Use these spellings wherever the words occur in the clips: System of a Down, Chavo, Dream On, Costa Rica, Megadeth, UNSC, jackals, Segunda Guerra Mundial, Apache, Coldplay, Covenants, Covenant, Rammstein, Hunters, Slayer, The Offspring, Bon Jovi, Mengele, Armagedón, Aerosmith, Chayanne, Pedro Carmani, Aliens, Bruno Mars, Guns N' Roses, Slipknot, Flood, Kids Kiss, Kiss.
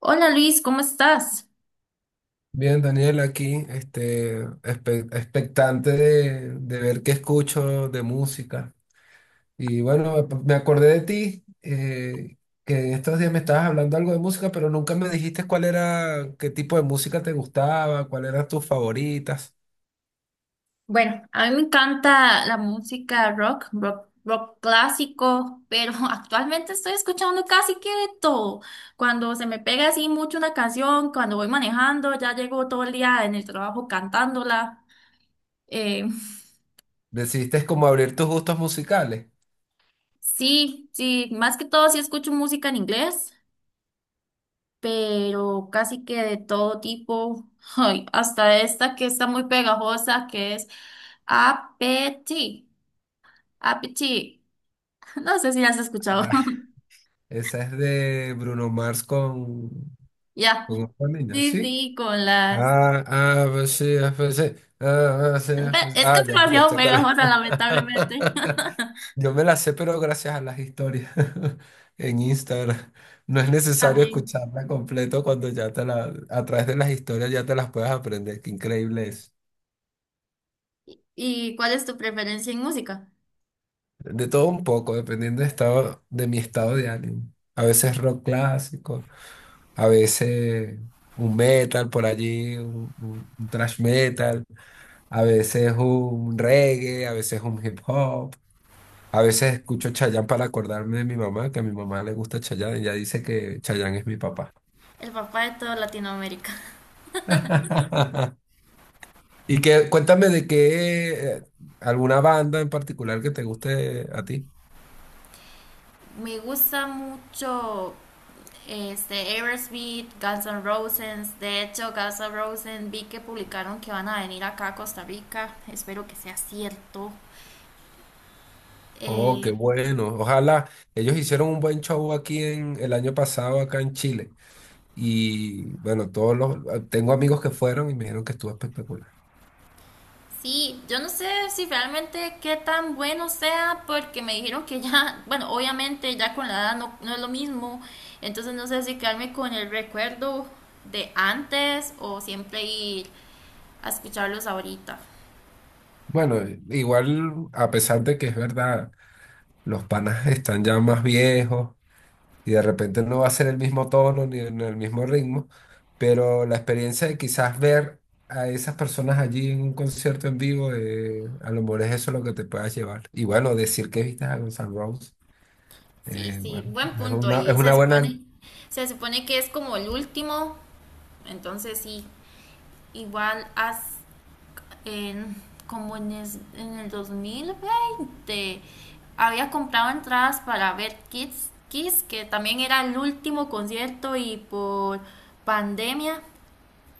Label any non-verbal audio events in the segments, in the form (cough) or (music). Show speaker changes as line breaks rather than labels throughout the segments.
Hola Luis, ¿cómo estás?
Bien, Daniel, aquí, expectante de ver qué escucho de música. Y bueno, me acordé de ti, que en estos días me estabas hablando algo de música, pero nunca me dijiste cuál era, qué tipo de música te gustaba, cuáles eran tus favoritas.
Bueno, a mí me encanta la música rock, rock clásico, pero (laughs) actualmente estoy escuchando casi que de todo. Cuando se me pega así mucho una canción, cuando voy manejando, ya llego todo el día en el trabajo cantándola. Eh, (laughs)
Decidiste como abrir tus gustos musicales.
sí, sí, más que todo sí escucho música en inglés, pero casi que de todo tipo. (laughs) Ay, hasta esta que está muy pegajosa, que es Appetit. Appetit. (laughs) No sé si las has escuchado.
Ah,
(laughs)
(laughs) esa es de Bruno Mars con,
Ya.
con otra niña,
Sí,
¿sí?
sí, con las.
Ah, ah, pues sí, ah, pues sí. Ah, ah, sí,
Es
ah,
que es
ya, ya
demasiado
sé cuál
pegajosa,
es.
lamentablemente.
(laughs)
(laughs)
Yo me la sé, pero gracias a las historias (laughs) en Instagram. No es necesario
También.
escucharla completo cuando ya te la, a través de las historias ya te las puedes aprender. Qué increíble es.
¿Y cuál es tu preferencia en música?
De todo un poco, dependiendo de estado, de mi estado de ánimo. A veces rock clásico, a veces un metal por allí, un thrash metal, a veces un reggae, a veces un hip hop. A veces escucho Chayanne para acordarme de mi mamá, que a mi mamá le gusta Chayanne, y ella dice que Chayanne es mi papá.
El papá de toda Latinoamérica.
(laughs) Y que cuéntame de qué alguna banda en particular que te guste a ti.
(laughs) Me gusta mucho este Aerosmith, Guns N' Roses. De hecho, Guns N' Roses vi que publicaron que van a venir acá a Costa Rica. Espero que sea cierto.
Oh,
Eh,
qué bueno. Ojalá ellos hicieron un buen show aquí en el año pasado acá en Chile. Y bueno, todos los tengo amigos que fueron y me dijeron que estuvo espectacular.
Sí, yo no sé si realmente qué tan bueno sea, porque me dijeron que ya, bueno, obviamente ya con la edad no, no es lo mismo, entonces no sé si quedarme con el recuerdo de antes o siempre ir a escucharlos ahorita.
Bueno, igual a pesar de que es verdad, los panas están ya más viejos y de repente no va a ser el mismo tono ni en el mismo ritmo, pero la experiencia de quizás ver a esas personas allí en un concierto en vivo, a lo mejor es eso lo que te puedas llevar. Y bueno, decir que viste a Guns N' Roses,
Sí, sí,
bueno,
buen punto,
es
y
una buena,
se supone que es como el último, entonces sí, igual haz en, como en, en el 2020, había comprado entradas para ver Kids Kiss, que también era el último concierto y por pandemia.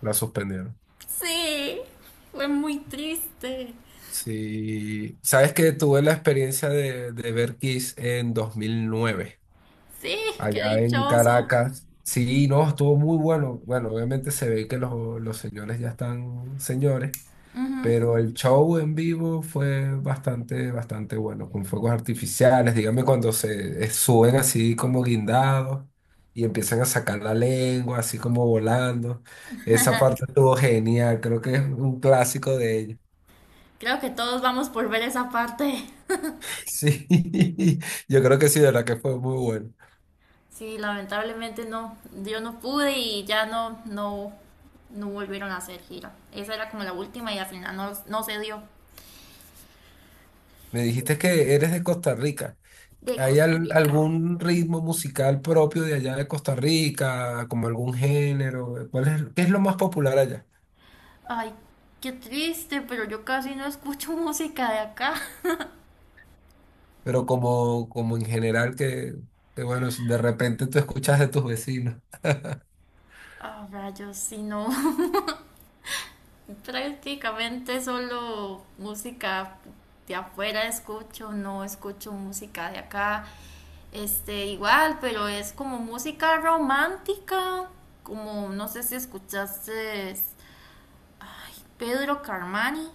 la suspendieron.
Sí, fue muy triste.
Sí, sabes que tuve la experiencia de ver Kiss en 2009,
Sí, qué
allá en
dichoso.
Caracas. Sí, no, estuvo muy bueno. Bueno, obviamente se ve que los señores ya están señores, pero el show en vivo fue bastante, bastante bueno, con fuegos artificiales, dígame cuando se suben así como guindados y empiezan a sacar la lengua, así como volando. Esa parte estuvo genial, creo que es un clásico de ellos.
Creo que todos vamos por ver esa parte.
(laughs) Sí, yo creo que sí, de verdad que fue muy bueno.
Sí, lamentablemente no, yo no pude y ya no, no, no volvieron a hacer gira. Esa era como la última y al final no, no se dio
Me dijiste que eres de Costa Rica.
de
¿Hay
Costa Rica.
algún ritmo musical propio de allá de Costa Rica, como algún género? ¿Cuál es, qué es lo más popular allá?
Ay, qué triste, pero yo casi no escucho (laughs) música de acá.
Pero como en general que, bueno, si de repente tú escuchas de tus vecinos,
Ah, rayos, si no. (laughs) Prácticamente solo música de afuera escucho, no escucho música de acá. Este, igual, pero es como música romántica, como no sé si escuchaste Pedro Carmani.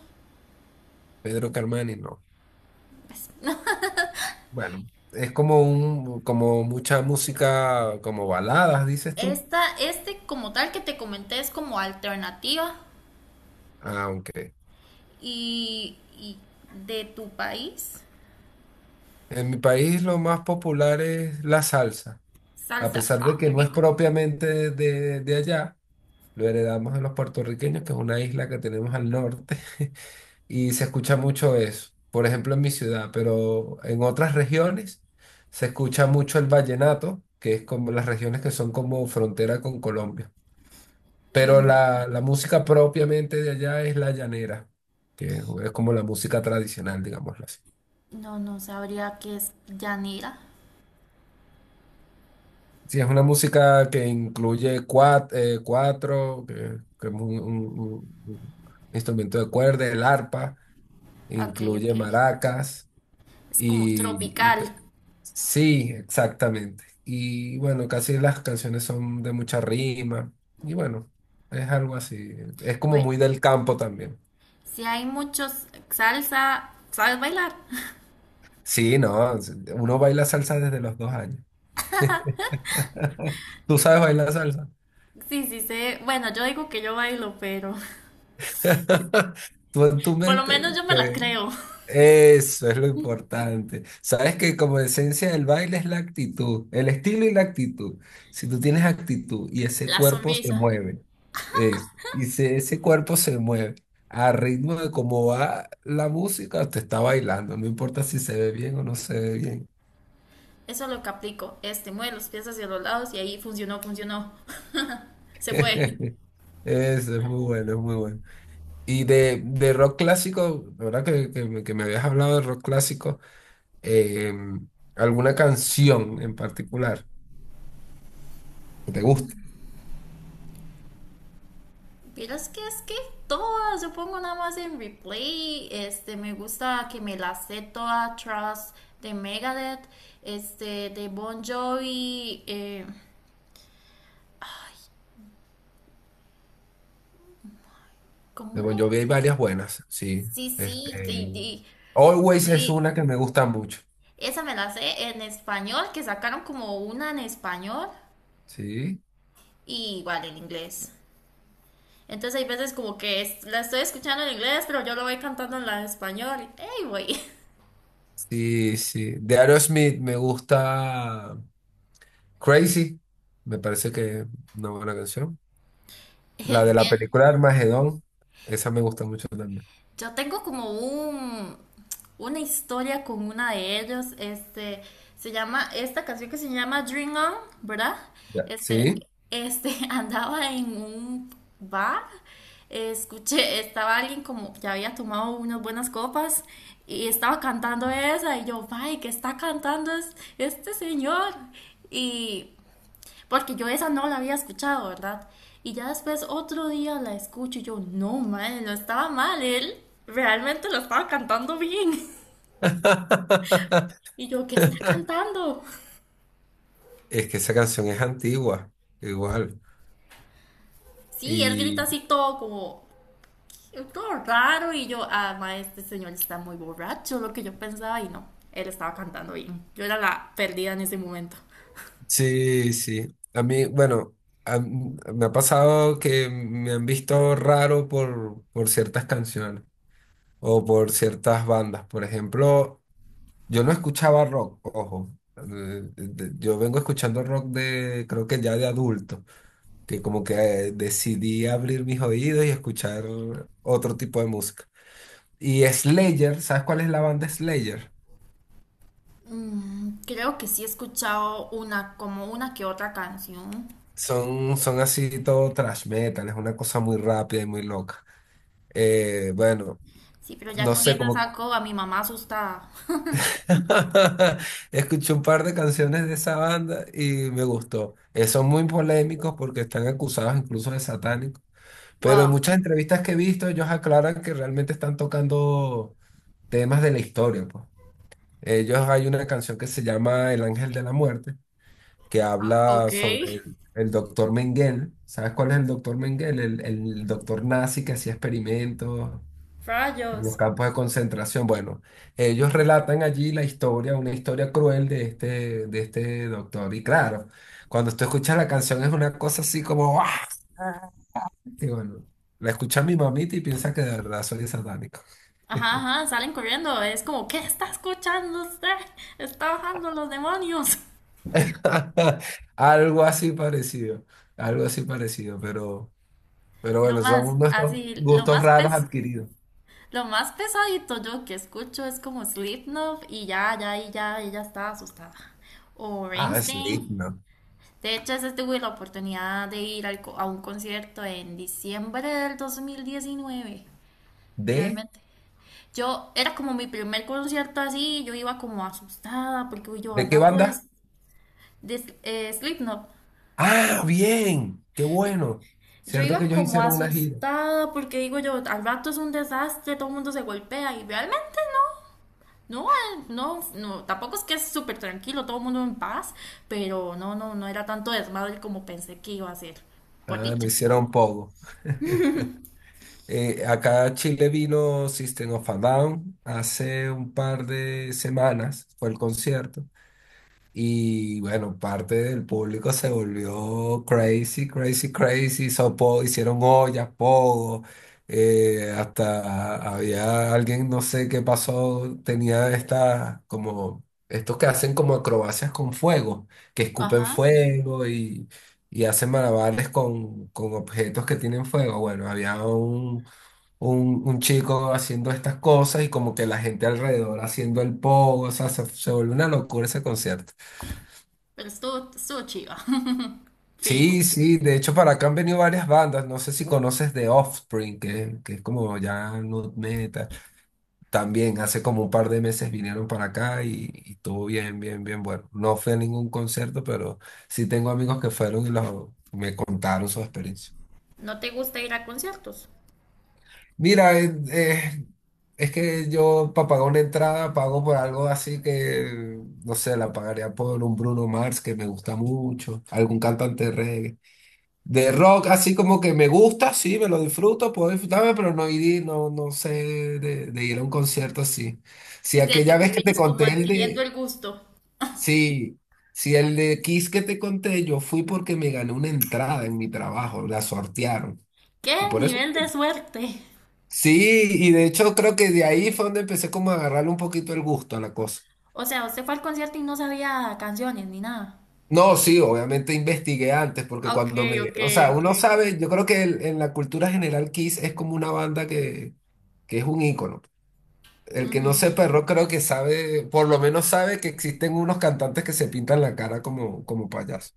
Pedro Carmani, no.
Pues, (laughs) no.
Bueno, es como un, como mucha música, como baladas, dices tú.
Esta, este como tal que te comenté es como alternativa
Aunque
y de tu país.
en mi país lo más popular es la salsa, a
Salsa.
pesar de
Ah,
que
qué
no es
rico.
propiamente de allá, lo heredamos de los puertorriqueños, que es una isla que tenemos al norte. (laughs) Y se escucha mucho eso, por ejemplo en mi ciudad, pero en otras regiones se escucha mucho el vallenato, que es como las regiones que son como frontera con Colombia. Pero
Mm,
la música propiamente de allá es la llanera, que es como la música tradicional, digámoslo así.
no, no sabría qué es llanera.
Sí, es una música que incluye cuatro, cuatro que, que es un instrumento de cuerda, el arpa,
Ok, ok.
incluye maracas
Es como
y.
tropical.
Sí, exactamente. Y bueno, casi las canciones son de mucha rima. Y bueno, es algo así. Es como
Bueno,
muy del campo también.
si hay muchos salsa, ¿sabes bailar?
Sí, no, uno baila salsa desde los 2 años. (laughs) ¿Tú sabes bailar salsa?
Sí, sí sé. Bueno, yo digo que yo bailo, pero (laughs)
(laughs) Tú en tu
por lo
mente.
menos yo me la creo.
Eso es lo importante. Sabes que como esencia del baile es la actitud, el estilo y la actitud. Si tú tienes actitud y ese
La
cuerpo se
sonrisa.
mueve, eso, y si ese cuerpo se mueve a ritmo de cómo va la música, te está bailando, no importa si se ve bien o no se ve bien.
Eso es lo que aplico. Este, mueve los pies hacia los lados y ahí funcionó, funcionó. (laughs) Se fue.
(laughs) Eso es muy bueno, es muy bueno. Y de rock clásico, la verdad que me habías hablado de rock clásico, em, ¿alguna canción en particular que te guste?
Pero es que todas, yo pongo nada más en replay, este, me gusta que me la sé toda, Trust de Megadeth, este, de Bon Jovi,
De
¿cómo
Bon
es?
Jovi hay varias buenas, sí.
Sí, sí,
Este, Always es
li-
una que me gusta mucho.
esa me la sé en español, que sacaron como una en español
Sí,
y igual en inglés. Entonces hay veces como que la estoy escuchando en inglés, pero yo lo voy cantando en la español. ¡Ey, güey!
sí, sí. De Aerosmith me gusta Crazy, me parece que es una buena canción. La de
(laughs)
la
Bien.
película Armagedón, esa me gusta mucho también.
Yo tengo como un, una historia con una de ellos. Este, se llama, esta canción que se llama Dream On, ¿verdad?
Ya.
Este,
Sí.
(laughs) andaba en un bar, escuché, estaba alguien como que había tomado unas buenas copas y estaba cantando esa y yo, ay, ¿qué está cantando este señor? Y porque yo esa no la había escuchado, ¿verdad? Y ya después otro día la escucho y yo, no, madre, no estaba mal, él realmente lo estaba cantando bien. (laughs)
(laughs)
Y yo, ¿qué está cantando?
Es que esa canción es antigua, igual.
Sí, él grita
Y
así todo como, todo raro. Y yo, ah, ma, este señor está muy borracho, lo que yo pensaba. Y no, él estaba cantando bien. Yo era la perdida en ese momento.
sí, sí. A mí, bueno, me ha pasado que me han visto raro por ciertas canciones o por ciertas bandas. Por ejemplo, yo no escuchaba rock, ojo. Yo vengo escuchando rock de, creo que ya de adulto, que como que decidí abrir mis oídos y escuchar otro tipo de música. Y Slayer, ¿sabes cuál es la banda Slayer?
Mm, creo que sí he escuchado una, como una que otra canción.
Son así todo thrash metal, es una cosa muy rápida y muy loca. Bueno.
Sí, pero ya
No
con
sé,
esa
como
saco a mi mamá asustada.
(laughs) escuché un par de canciones de esa banda y me gustó. Son muy polémicos porque están acusados incluso de satánicos, pero en
Wow.
muchas entrevistas que he visto ellos aclaran que realmente están tocando temas de la historia, pues. Ellos hay una canción que se llama El Ángel de la Muerte, que
Ah,
habla
ok.
sobre el doctor Mengele. ¿Sabes cuál es el doctor Mengele? El doctor nazi que hacía experimentos en los
Rayos.
campos de concentración. Bueno, ellos relatan allí la historia, una historia cruel de este, doctor. Y claro, cuando tú escuchas la canción es una cosa así como, ¡ah! Y bueno, la escucha mi mamita y piensa que de verdad soy satánico.
Ajá, ajá, salen corriendo. Es como, ¿qué está escuchando usted? Está bajando los demonios. (laughs)
(laughs) Algo así parecido, algo así parecido, pero
Lo
bueno,
más,
son nuestros
así,
gustos raros adquiridos.
lo más pesadito yo que escucho es como Slipknot y ya, ya, y ya, ella está asustada. O
Ah,
Rammstein.
Slipknot.
De hecho, ese tuve la oportunidad de ir a un concierto en diciembre del 2019,
¿De?
realmente. Yo, era como mi primer concierto así, yo iba como asustada porque uy, yo al
¿De qué
rato
banda?
es, de Slipknot.
Ah, bien, qué bueno.
Yo
Cierto que
iba
ellos
como
hicieron una gira.
asustada porque digo yo, al rato es un desastre, todo el mundo se golpea y realmente no, no, no, tampoco es que es súper tranquilo, todo el mundo en paz, pero no, no, no era tanto desmadre como pensé que iba a ser, por
Ah, no
dicha.
hicieron poco. Acá a Chile vino System of a Down hace un par de semanas, fue el concierto. Y bueno, parte del público se volvió crazy, crazy, crazy. Hizo po hicieron ollas, pogo. Hasta había alguien, no sé qué pasó, tenía estas como estos que hacen como acrobacias con fuego, que escupen
Ajá.
fuego y hacen malabares con objetos que tienen fuego. Bueno, había un chico haciendo estas cosas y como que la gente alrededor haciendo el pogo, o sea, se volvió una locura ese concierto.
Pero estuvo, estuvo chiva, (laughs) fijo.
Sí, sí, de hecho para acá han venido varias bandas, no sé si conoces The Offspring, que es como ya nu metal, también hace como un par de meses vinieron para acá y estuvo bien, bien, bien bueno. No fui a ningún concierto, pero sí tengo amigos que fueron y me contaron su experiencia.
¿No te gusta ir a conciertos?
Mira, es que yo para pagar una entrada pago por algo así que, no sé, la pagaría por un Bruno Mars que me gusta mucho, algún cantante de reggae. De rock, así como que me gusta, sí, me lo disfruto, puedo disfrutarme, pero no ir, no, no sé de ir a un concierto así. Si
Sí,
aquella
cierto, que
vez que te
vienes como
conté el
adquiriendo
de,
el gusto.
sí, si el de Kiss que te conté, yo fui porque me gané una entrada en mi trabajo, la sortearon.
¡Qué
Y por eso
nivel de
fui.
suerte!
Sí, y de hecho creo que de ahí fue donde empecé como a agarrarle un poquito el gusto a la cosa.
O sea, usted fue al concierto y no sabía canciones ni nada.
No, sí, obviamente investigué antes, porque
Ok,
cuando me,
ok,
o sea,
ok.
uno sabe, yo creo que en la cultura general Kiss es como una banda que es un ícono. El que
Ujú.
no sepa rock creo que sabe, por lo menos sabe que existen unos cantantes que se pintan la cara como payaso.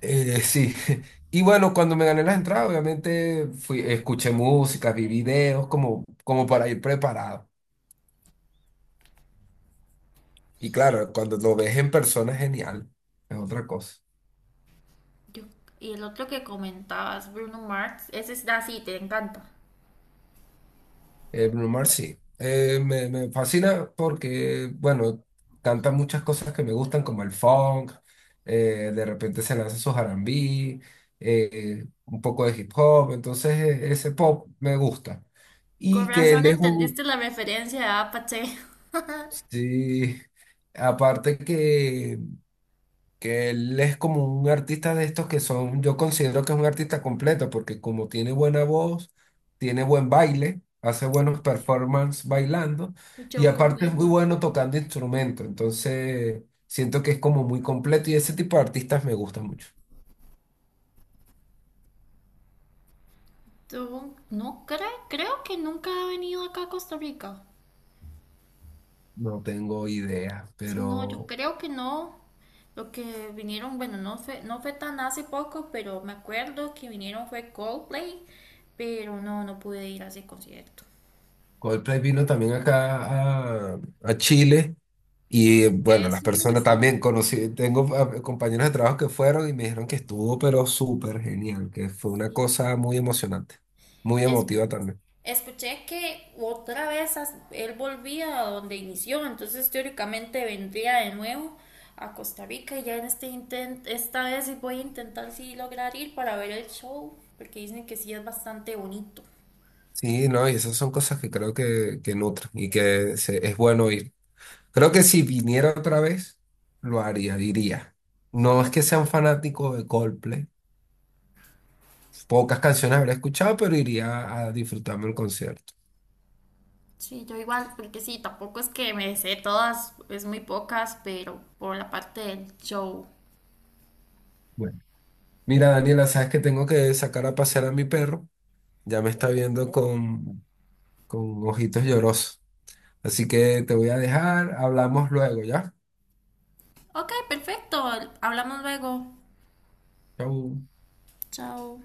Sí, (laughs) y bueno, cuando me gané las entradas, obviamente fui, escuché música, vi videos, como para ir preparado. Y claro, cuando lo ves en persona es genial, es otra cosa.
Yo- y el otro que comentabas, Bruno Mars, ese es así, te encanta.
Bruno Mars, sí. Me fascina porque, bueno, canta muchas cosas que me gustan, como el funk, de repente se lanza su R&B, un poco de hip hop, entonces ese pop me gusta.
Con
Y que
razón
él es un...
entendiste la referencia de Apache.
Sí, aparte que él es como un artista de estos que son, yo considero que es un artista completo, porque como tiene buena voz, tiene buen baile, hace buenos
Sí,
performances bailando,
un show
y aparte es
completo.
muy bueno tocando instrumento, entonces siento que es como muy completo y ese tipo de artistas me gusta mucho.
No creo, creo que nunca ha venido acá a Costa Rica.
No tengo idea,
Si no, yo
pero
creo que no. Lo que vinieron, bueno, no fue, no fue tan hace poco, pero me acuerdo que vinieron fue Coldplay, pero no, no pude ir a ese concierto.
Coldplay vino también acá a Chile. Y
Que
bueno, las
es
personas
un,
también conocí, tengo compañeros de trabajo que fueron y me dijeron que estuvo, pero súper genial, que fue una
sí,
cosa muy emocionante, muy
es
emotiva también.
escuché que otra vez él volvía a donde inició, entonces teóricamente vendría de nuevo a Costa Rica y ya en este intento, esta vez sí voy a intentar sí lograr ir para ver el show, porque dicen que sí es bastante bonito.
Sí, no, y esas son cosas que creo que nutren y que es bueno ir. Creo que si viniera otra vez, lo haría, diría. No es que sea un fanático de Coldplay, pocas canciones habré escuchado, pero iría a disfrutarme el concierto.
Sí, yo igual, porque sí, tampoco es que me sé todas, es muy pocas, pero por la parte del show.
Bueno, mira, Daniela, sabes que tengo que sacar a pasear a mi perro. Ya me está viendo con ojitos llorosos. Así que te voy a dejar, hablamos luego, ¿ya?
Ok, perfecto, hablamos luego.
Chau.
Chao.